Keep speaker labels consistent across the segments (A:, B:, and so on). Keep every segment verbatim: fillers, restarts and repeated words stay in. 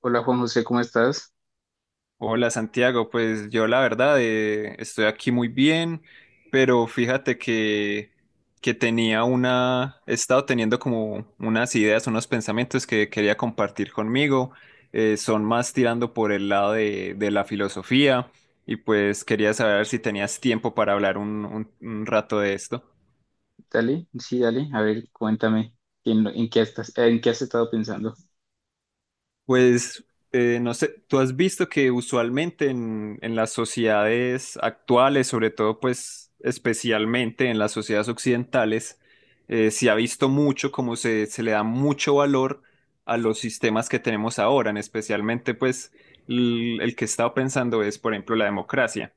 A: Hola Juan José, ¿cómo estás?
B: Hola Santiago, pues yo la verdad eh, estoy aquí muy bien, pero fíjate que, que tenía una, he estado teniendo como unas ideas, unos pensamientos que quería compartir conmigo, eh, son más tirando por el lado de, de la filosofía y pues quería saber si tenías tiempo para hablar un, un un rato de esto.
A: Dale, sí, dale, a ver, cuéntame en, lo- en qué estás, en qué has estado pensando.
B: Pues eh, no sé, tú has visto que usualmente en, en las sociedades actuales, sobre todo pues especialmente en las sociedades occidentales, eh, se ha visto mucho como se, se le da mucho valor a los sistemas que tenemos ahora, en especialmente pues l- el que he estado pensando es, por ejemplo, la democracia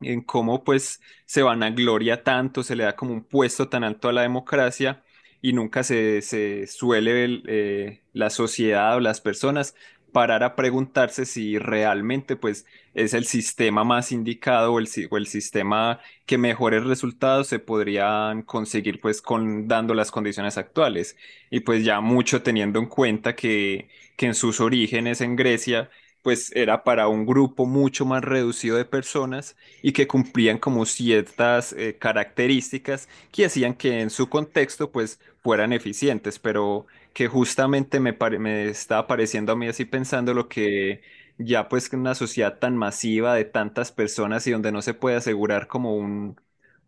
B: en cómo pues se vanagloria tanto, se le da como un puesto tan alto a la democracia y nunca se, se suele el, eh, la sociedad o las personas parar a preguntarse si realmente pues es el sistema más indicado o el, si- o el sistema que mejores resultados se podrían conseguir pues con dando las condiciones actuales y pues ya mucho teniendo en cuenta que, que en sus orígenes en Grecia pues era para un grupo mucho más reducido de personas y que cumplían como ciertas eh, características que hacían que en su contexto pues fueran eficientes, pero que justamente me, pare- me estaba pareciendo a mí así pensando lo que ya pues en una sociedad tan masiva de tantas personas y donde no se puede asegurar como un,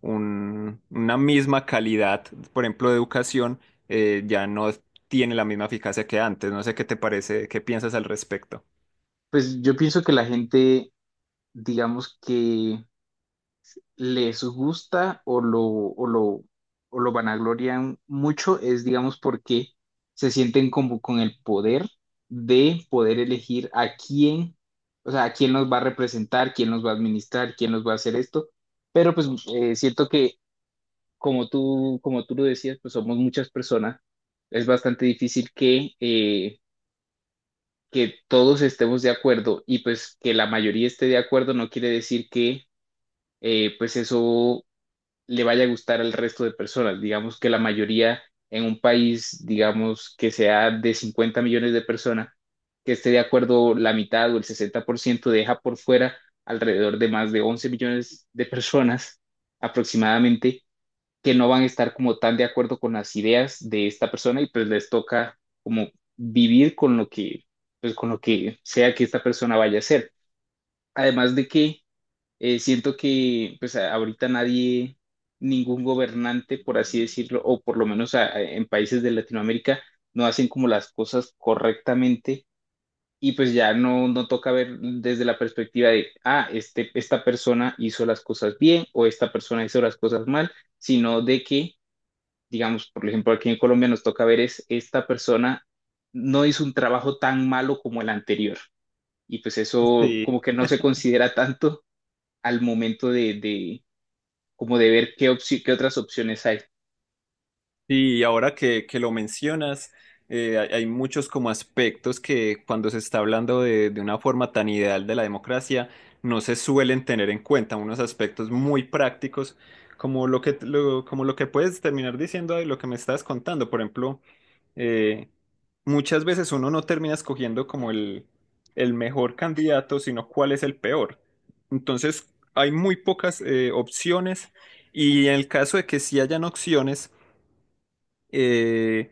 B: un- una misma calidad, por ejemplo, de educación, eh, ya no tiene la misma eficacia que antes. No sé qué te parece, qué piensas al respecto.
A: Pues yo pienso que la gente, digamos que les gusta o lo, o lo, o lo vanaglorian mucho, es digamos porque se sienten como con el poder de poder elegir a quién, o sea, a quién nos va a representar, quién nos va a administrar, quién nos va a hacer esto. Pero pues eh, siento que como tú, como tú lo decías, pues somos muchas personas. Es bastante difícil que, eh, que todos estemos de acuerdo y pues que la mayoría esté de acuerdo no quiere decir que eh, pues eso le vaya a gustar al resto de personas. Digamos que la mayoría en un país, digamos que sea de cincuenta millones de personas, que esté de acuerdo la mitad o el sesenta por ciento deja por fuera alrededor de más de once millones de personas aproximadamente que no van a estar como tan de acuerdo con las ideas de esta persona y pues les toca como vivir con lo que, pues con lo que sea que esta persona vaya a hacer. Además de que eh, siento que pues a- ahorita nadie, ningún gobernante, por así decirlo, o por lo menos a- a- en países de Latinoamérica, no hacen como las cosas correctamente. Y pues ya no, no toca ver desde la perspectiva de, ah, este, esta persona hizo las cosas bien o esta persona hizo las cosas mal, sino de que digamos, por ejemplo, aquí en Colombia nos toca ver es esta persona no hizo un trabajo tan malo como el anterior. Y pues eso como
B: Sí.
A: que no se considera tanto al momento de, de como de ver qué, opci- qué otras opciones hay.
B: Sí, y ahora que, que lo mencionas, eh, hay, hay muchos como aspectos que cuando se está hablando de, de una forma tan ideal de la democracia, no se suelen tener en cuenta, unos aspectos muy prácticos, como lo que, lo- como lo que puedes terminar diciendo y lo que me estás contando. Por ejemplo, eh, muchas veces uno no termina escogiendo como el, el mejor candidato, sino cuál es el peor. Entonces, hay muy pocas eh, opciones y en el caso de que sí hayan opciones, eh,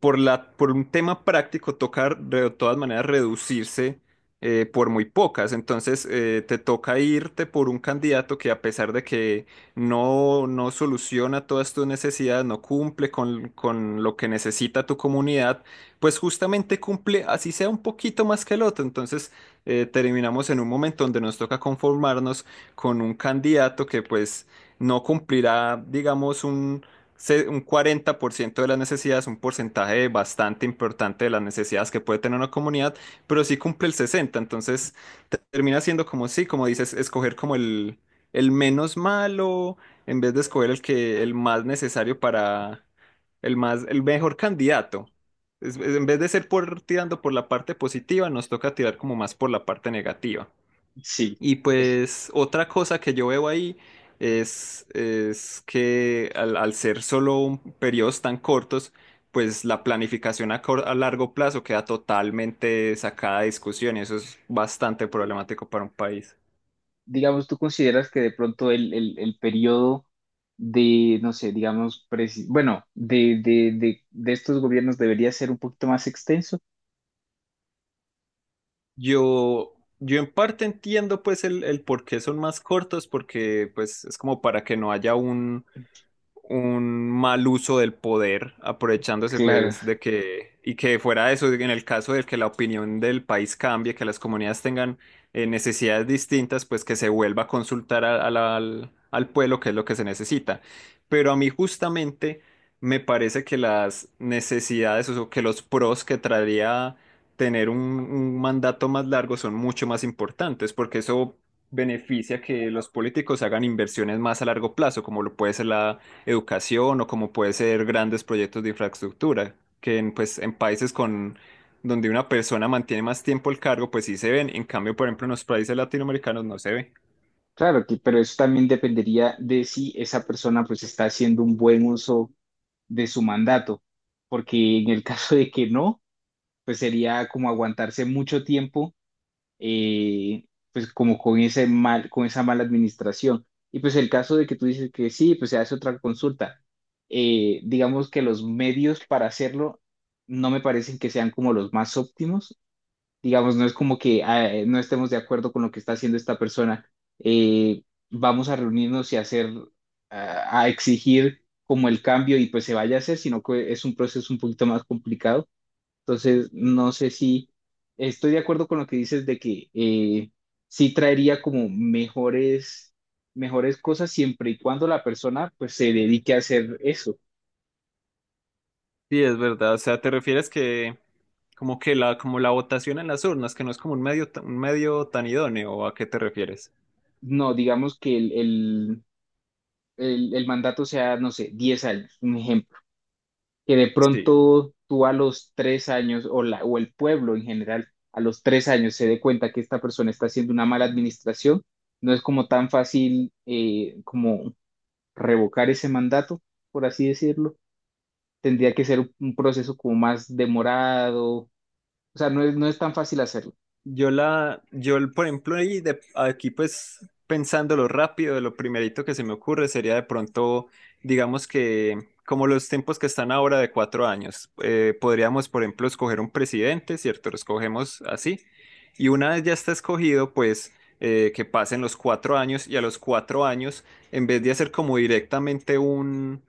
B: por la, por un tema práctico toca de todas maneras reducirse eh, por muy pocas. Entonces eh, te toca irte por un candidato que a pesar de que no, no soluciona todas tus necesidades, no cumple con, con lo que necesita tu comunidad, pues justamente cumple así sea un poquito más que el otro. Entonces eh, terminamos en un momento donde nos toca conformarnos con un candidato que pues no cumplirá, digamos, un se- un cuarenta por ciento de las necesidades, un porcentaje bastante importante de las necesidades que puede tener una comunidad, pero sí cumple el sesenta por ciento. Entonces te- termina siendo como sí, como dices, escoger como el, el menos malo en vez de escoger el que el más necesario para el más, el mejor candidato. Es- es- en vez de ser por, tirando por la parte positiva, nos toca tirar como más por la parte negativa.
A: Sí.
B: Y pues otra cosa que yo veo ahí es, es que al, al ser solo un- periodos tan cortos, pues la planificación a, cor- a largo plazo queda totalmente sacada de discusión y eso es bastante problemático para un país.
A: Digamos, ¿tú consideras que de pronto el, el, el periodo de, no sé, digamos, presi- bueno, de, de, de, de estos gobiernos debería ser un poquito más extenso?
B: Yo, yo en parte entiendo pues el, el por qué son más cortos, porque pues es como para que no haya un mal uso del poder, aprovechándose
A: Claro.
B: pues de que, y que fuera eso, en el caso de que la opinión del país cambie, que las comunidades tengan eh, necesidades distintas, pues que se vuelva a consultar a- a la- al, al pueblo, que es lo que se necesita. Pero a mí justamente me parece que las necesidades, o que los pros que traería tener un, un mandato más largo son mucho más importantes, porque eso beneficia que los políticos hagan inversiones más a largo plazo, como lo puede ser la educación o como puede ser grandes proyectos de infraestructura, que en, pues, en países con, donde una persona mantiene más tiempo el cargo, pues sí se ven. En cambio, por ejemplo, en los países latinoamericanos no se ve.
A: Claro, que, pero eso también dependería de si esa persona pues está haciendo un buen uso de su mandato, porque en el caso de que no, pues sería como aguantarse mucho tiempo, eh, pues como con ese mal, con esa mala administración. Y pues el caso de que tú dices que sí, pues se hace otra consulta. Eh, digamos que los medios para hacerlo no me parecen que sean como los más óptimos, digamos, no es como que ah, eh, no estemos de acuerdo con lo que está haciendo esta persona, eh, vamos a reunirnos y hacer, ah, a exigir como el cambio y pues se vaya a hacer, sino que es un proceso un poquito más complicado. Entonces, no sé si estoy de acuerdo con lo que dices de que eh, sí traería como mejores, mejores cosas siempre y cuando la persona pues se dedique a hacer eso.
B: Sí, es verdad. O sea, ¿te refieres que como que la, como la votación en las urnas, que no es como un medio, ta- un medio tan idóneo? ¿O a qué te refieres?
A: No, digamos que el, el, el, el mandato sea, no sé, diez años, un ejemplo que de
B: Sí.
A: pronto tú a los tres años o, la, o el pueblo en general a los tres años se dé cuenta que esta persona está haciendo una mala administración, no es como tan fácil eh, como revocar ese mandato, por así decirlo. Tendría que ser un proceso como más demorado, o sea, no es, no es tan fácil hacerlo.
B: Yo la, yo el- por ejemplo, ahí de- aquí pues pensándolo rápido, lo primerito que se me ocurre sería de pronto, digamos que como los tiempos que están ahora de cuatro años, eh, podríamos, por ejemplo, escoger un presidente, ¿cierto? Lo escogemos así. Y una vez ya está escogido, pues eh, que pasen los cuatro años y a los cuatro años, en vez de hacer como directamente un,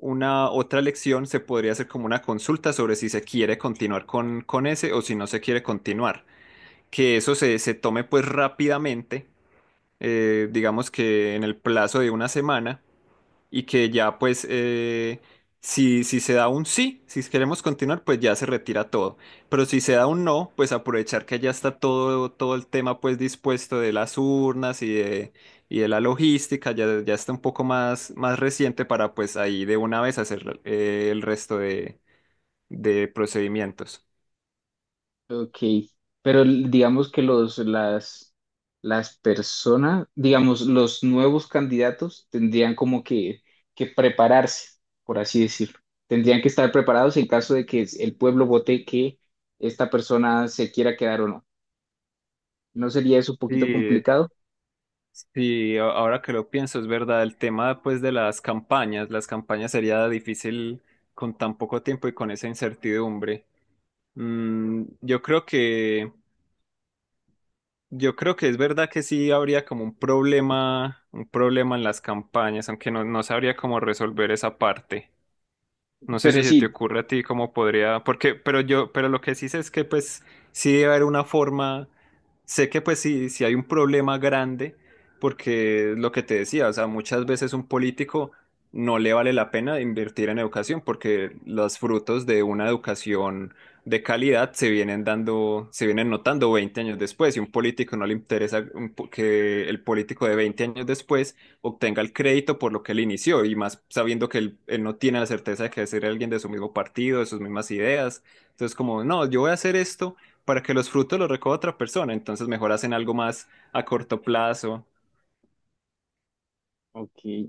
B: una otra elección, se podría hacer como una consulta sobre si se quiere continuar con, con ese o si no se quiere continuar que eso se, se tome pues rápidamente, eh, digamos que en el plazo de una semana, y que ya pues eh, si, si se da un sí, si queremos continuar, pues ya se retira todo. Pero si se da un no, pues aprovechar que ya está todo, todo el tema pues dispuesto de las urnas y de, y de la logística, ya, ya está un poco más, más reciente para pues ahí de una vez hacer eh, el resto de, de procedimientos.
A: Ok, pero l- digamos que los, las, las personas, digamos, los nuevos candidatos tendrían como que, que prepararse, por así decirlo. Tendrían que estar preparados en caso de que es- el pueblo vote que esta persona se quiera quedar o no. ¿No sería eso un poquito
B: Sí,
A: complicado?
B: sí, a- ahora que lo pienso, es verdad, el tema pues de las campañas, las campañas sería difícil con tan poco tiempo y con esa incertidumbre. Mm, yo creo que, yo creo que es verdad que sí habría como un problema, un problema en las campañas, aunque no, no sabría cómo resolver esa parte. No sé si
A: Pero
B: se te
A: sí,
B: ocurre a ti cómo podría, porque, pero yo, pero lo que sí sé es que pues sí debe haber una forma, sé que pues sí, sí hay un problema grande, porque lo que te decía, o sea, muchas veces un político no le vale la pena invertir en educación, porque los frutos de una educación de calidad se vienen dando, se vienen notando veinte años después, y un político no le interesa un po- que el político de veinte años después obtenga el crédito por lo que él inició y más sabiendo que él, él no tiene la certeza de que ser alguien de su mismo partido, de sus mismas ideas. Entonces, como, no, yo voy a hacer esto para que los frutos los recoja otra persona, entonces mejor hacen algo más a corto plazo.
A: ok,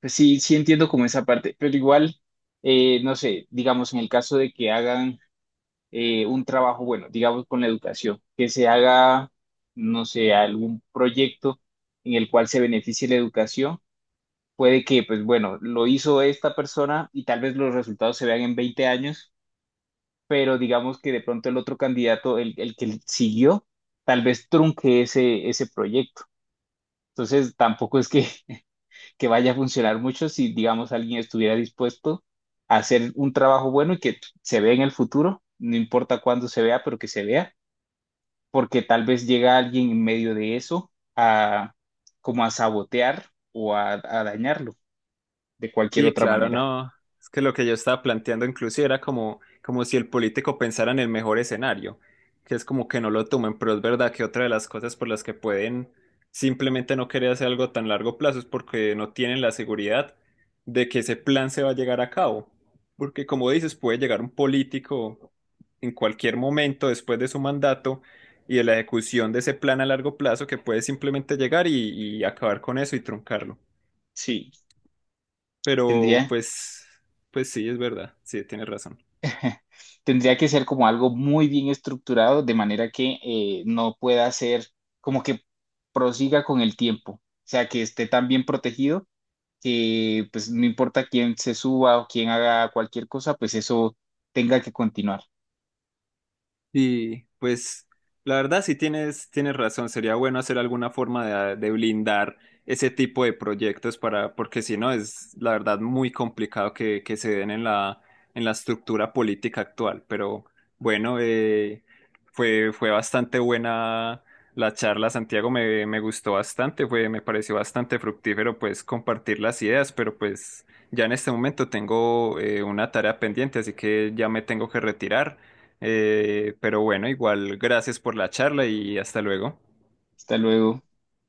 A: pues sí, sí entiendo como esa parte, pero igual, eh, no sé, digamos, en el caso de que hagan eh, un trabajo, bueno, digamos con la educación, que se haga, no sé, algún proyecto en el cual se beneficie la educación. Puede que, pues bueno, lo hizo esta persona y tal vez los resultados se vean en veinte años, pero digamos que de pronto el otro candidato, el, el que siguió, tal vez trunque ese, ese proyecto. Entonces, tampoco es que, que vaya a funcionar mucho si, digamos, alguien estuviera dispuesto a hacer un trabajo bueno y que se vea en el futuro, no importa cuándo se vea, pero que se vea porque tal vez llega alguien en medio de eso a como a sabotear o a, a dañarlo de cualquier
B: Sí,
A: otra
B: claro,
A: manera.
B: no. Es que lo que yo estaba planteando inclusive era como, como si el político pensara en el mejor escenario, que es como que no lo tomen, pero es verdad que otra de las cosas por las que pueden simplemente no querer hacer algo tan largo plazo es porque no tienen la seguridad de que ese plan se va a llegar a cabo. Porque como dices, puede llegar un político en cualquier momento después de su mandato y de la ejecución de ese plan a largo plazo que puede simplemente llegar y, y acabar con eso y truncarlo.
A: Sí,
B: Pero
A: tendría,
B: pues, pues sí, es verdad, sí, tienes razón.
A: tendría que ser como algo muy bien estructurado de manera que eh, no pueda ser como que prosiga con el tiempo, o sea, que esté tan bien protegido que pues no importa quién se suba o quién haga cualquier cosa, pues eso tenga que continuar.
B: Y pues la verdad sí tienes, tienes razón, sería bueno hacer alguna forma de, de blindar ese tipo de proyectos para, porque si no es la verdad muy complicado que, que se den en la, en la estructura política actual. Pero bueno, eh, fue, fue bastante buena la charla, Santiago, me, me gustó bastante, fue, me pareció bastante fructífero pues compartir las ideas, pero pues ya en este momento tengo eh, una tarea pendiente, así que ya me tengo que retirar. Eh, pero bueno, igual, gracias por la charla y hasta luego.
A: Hasta luego.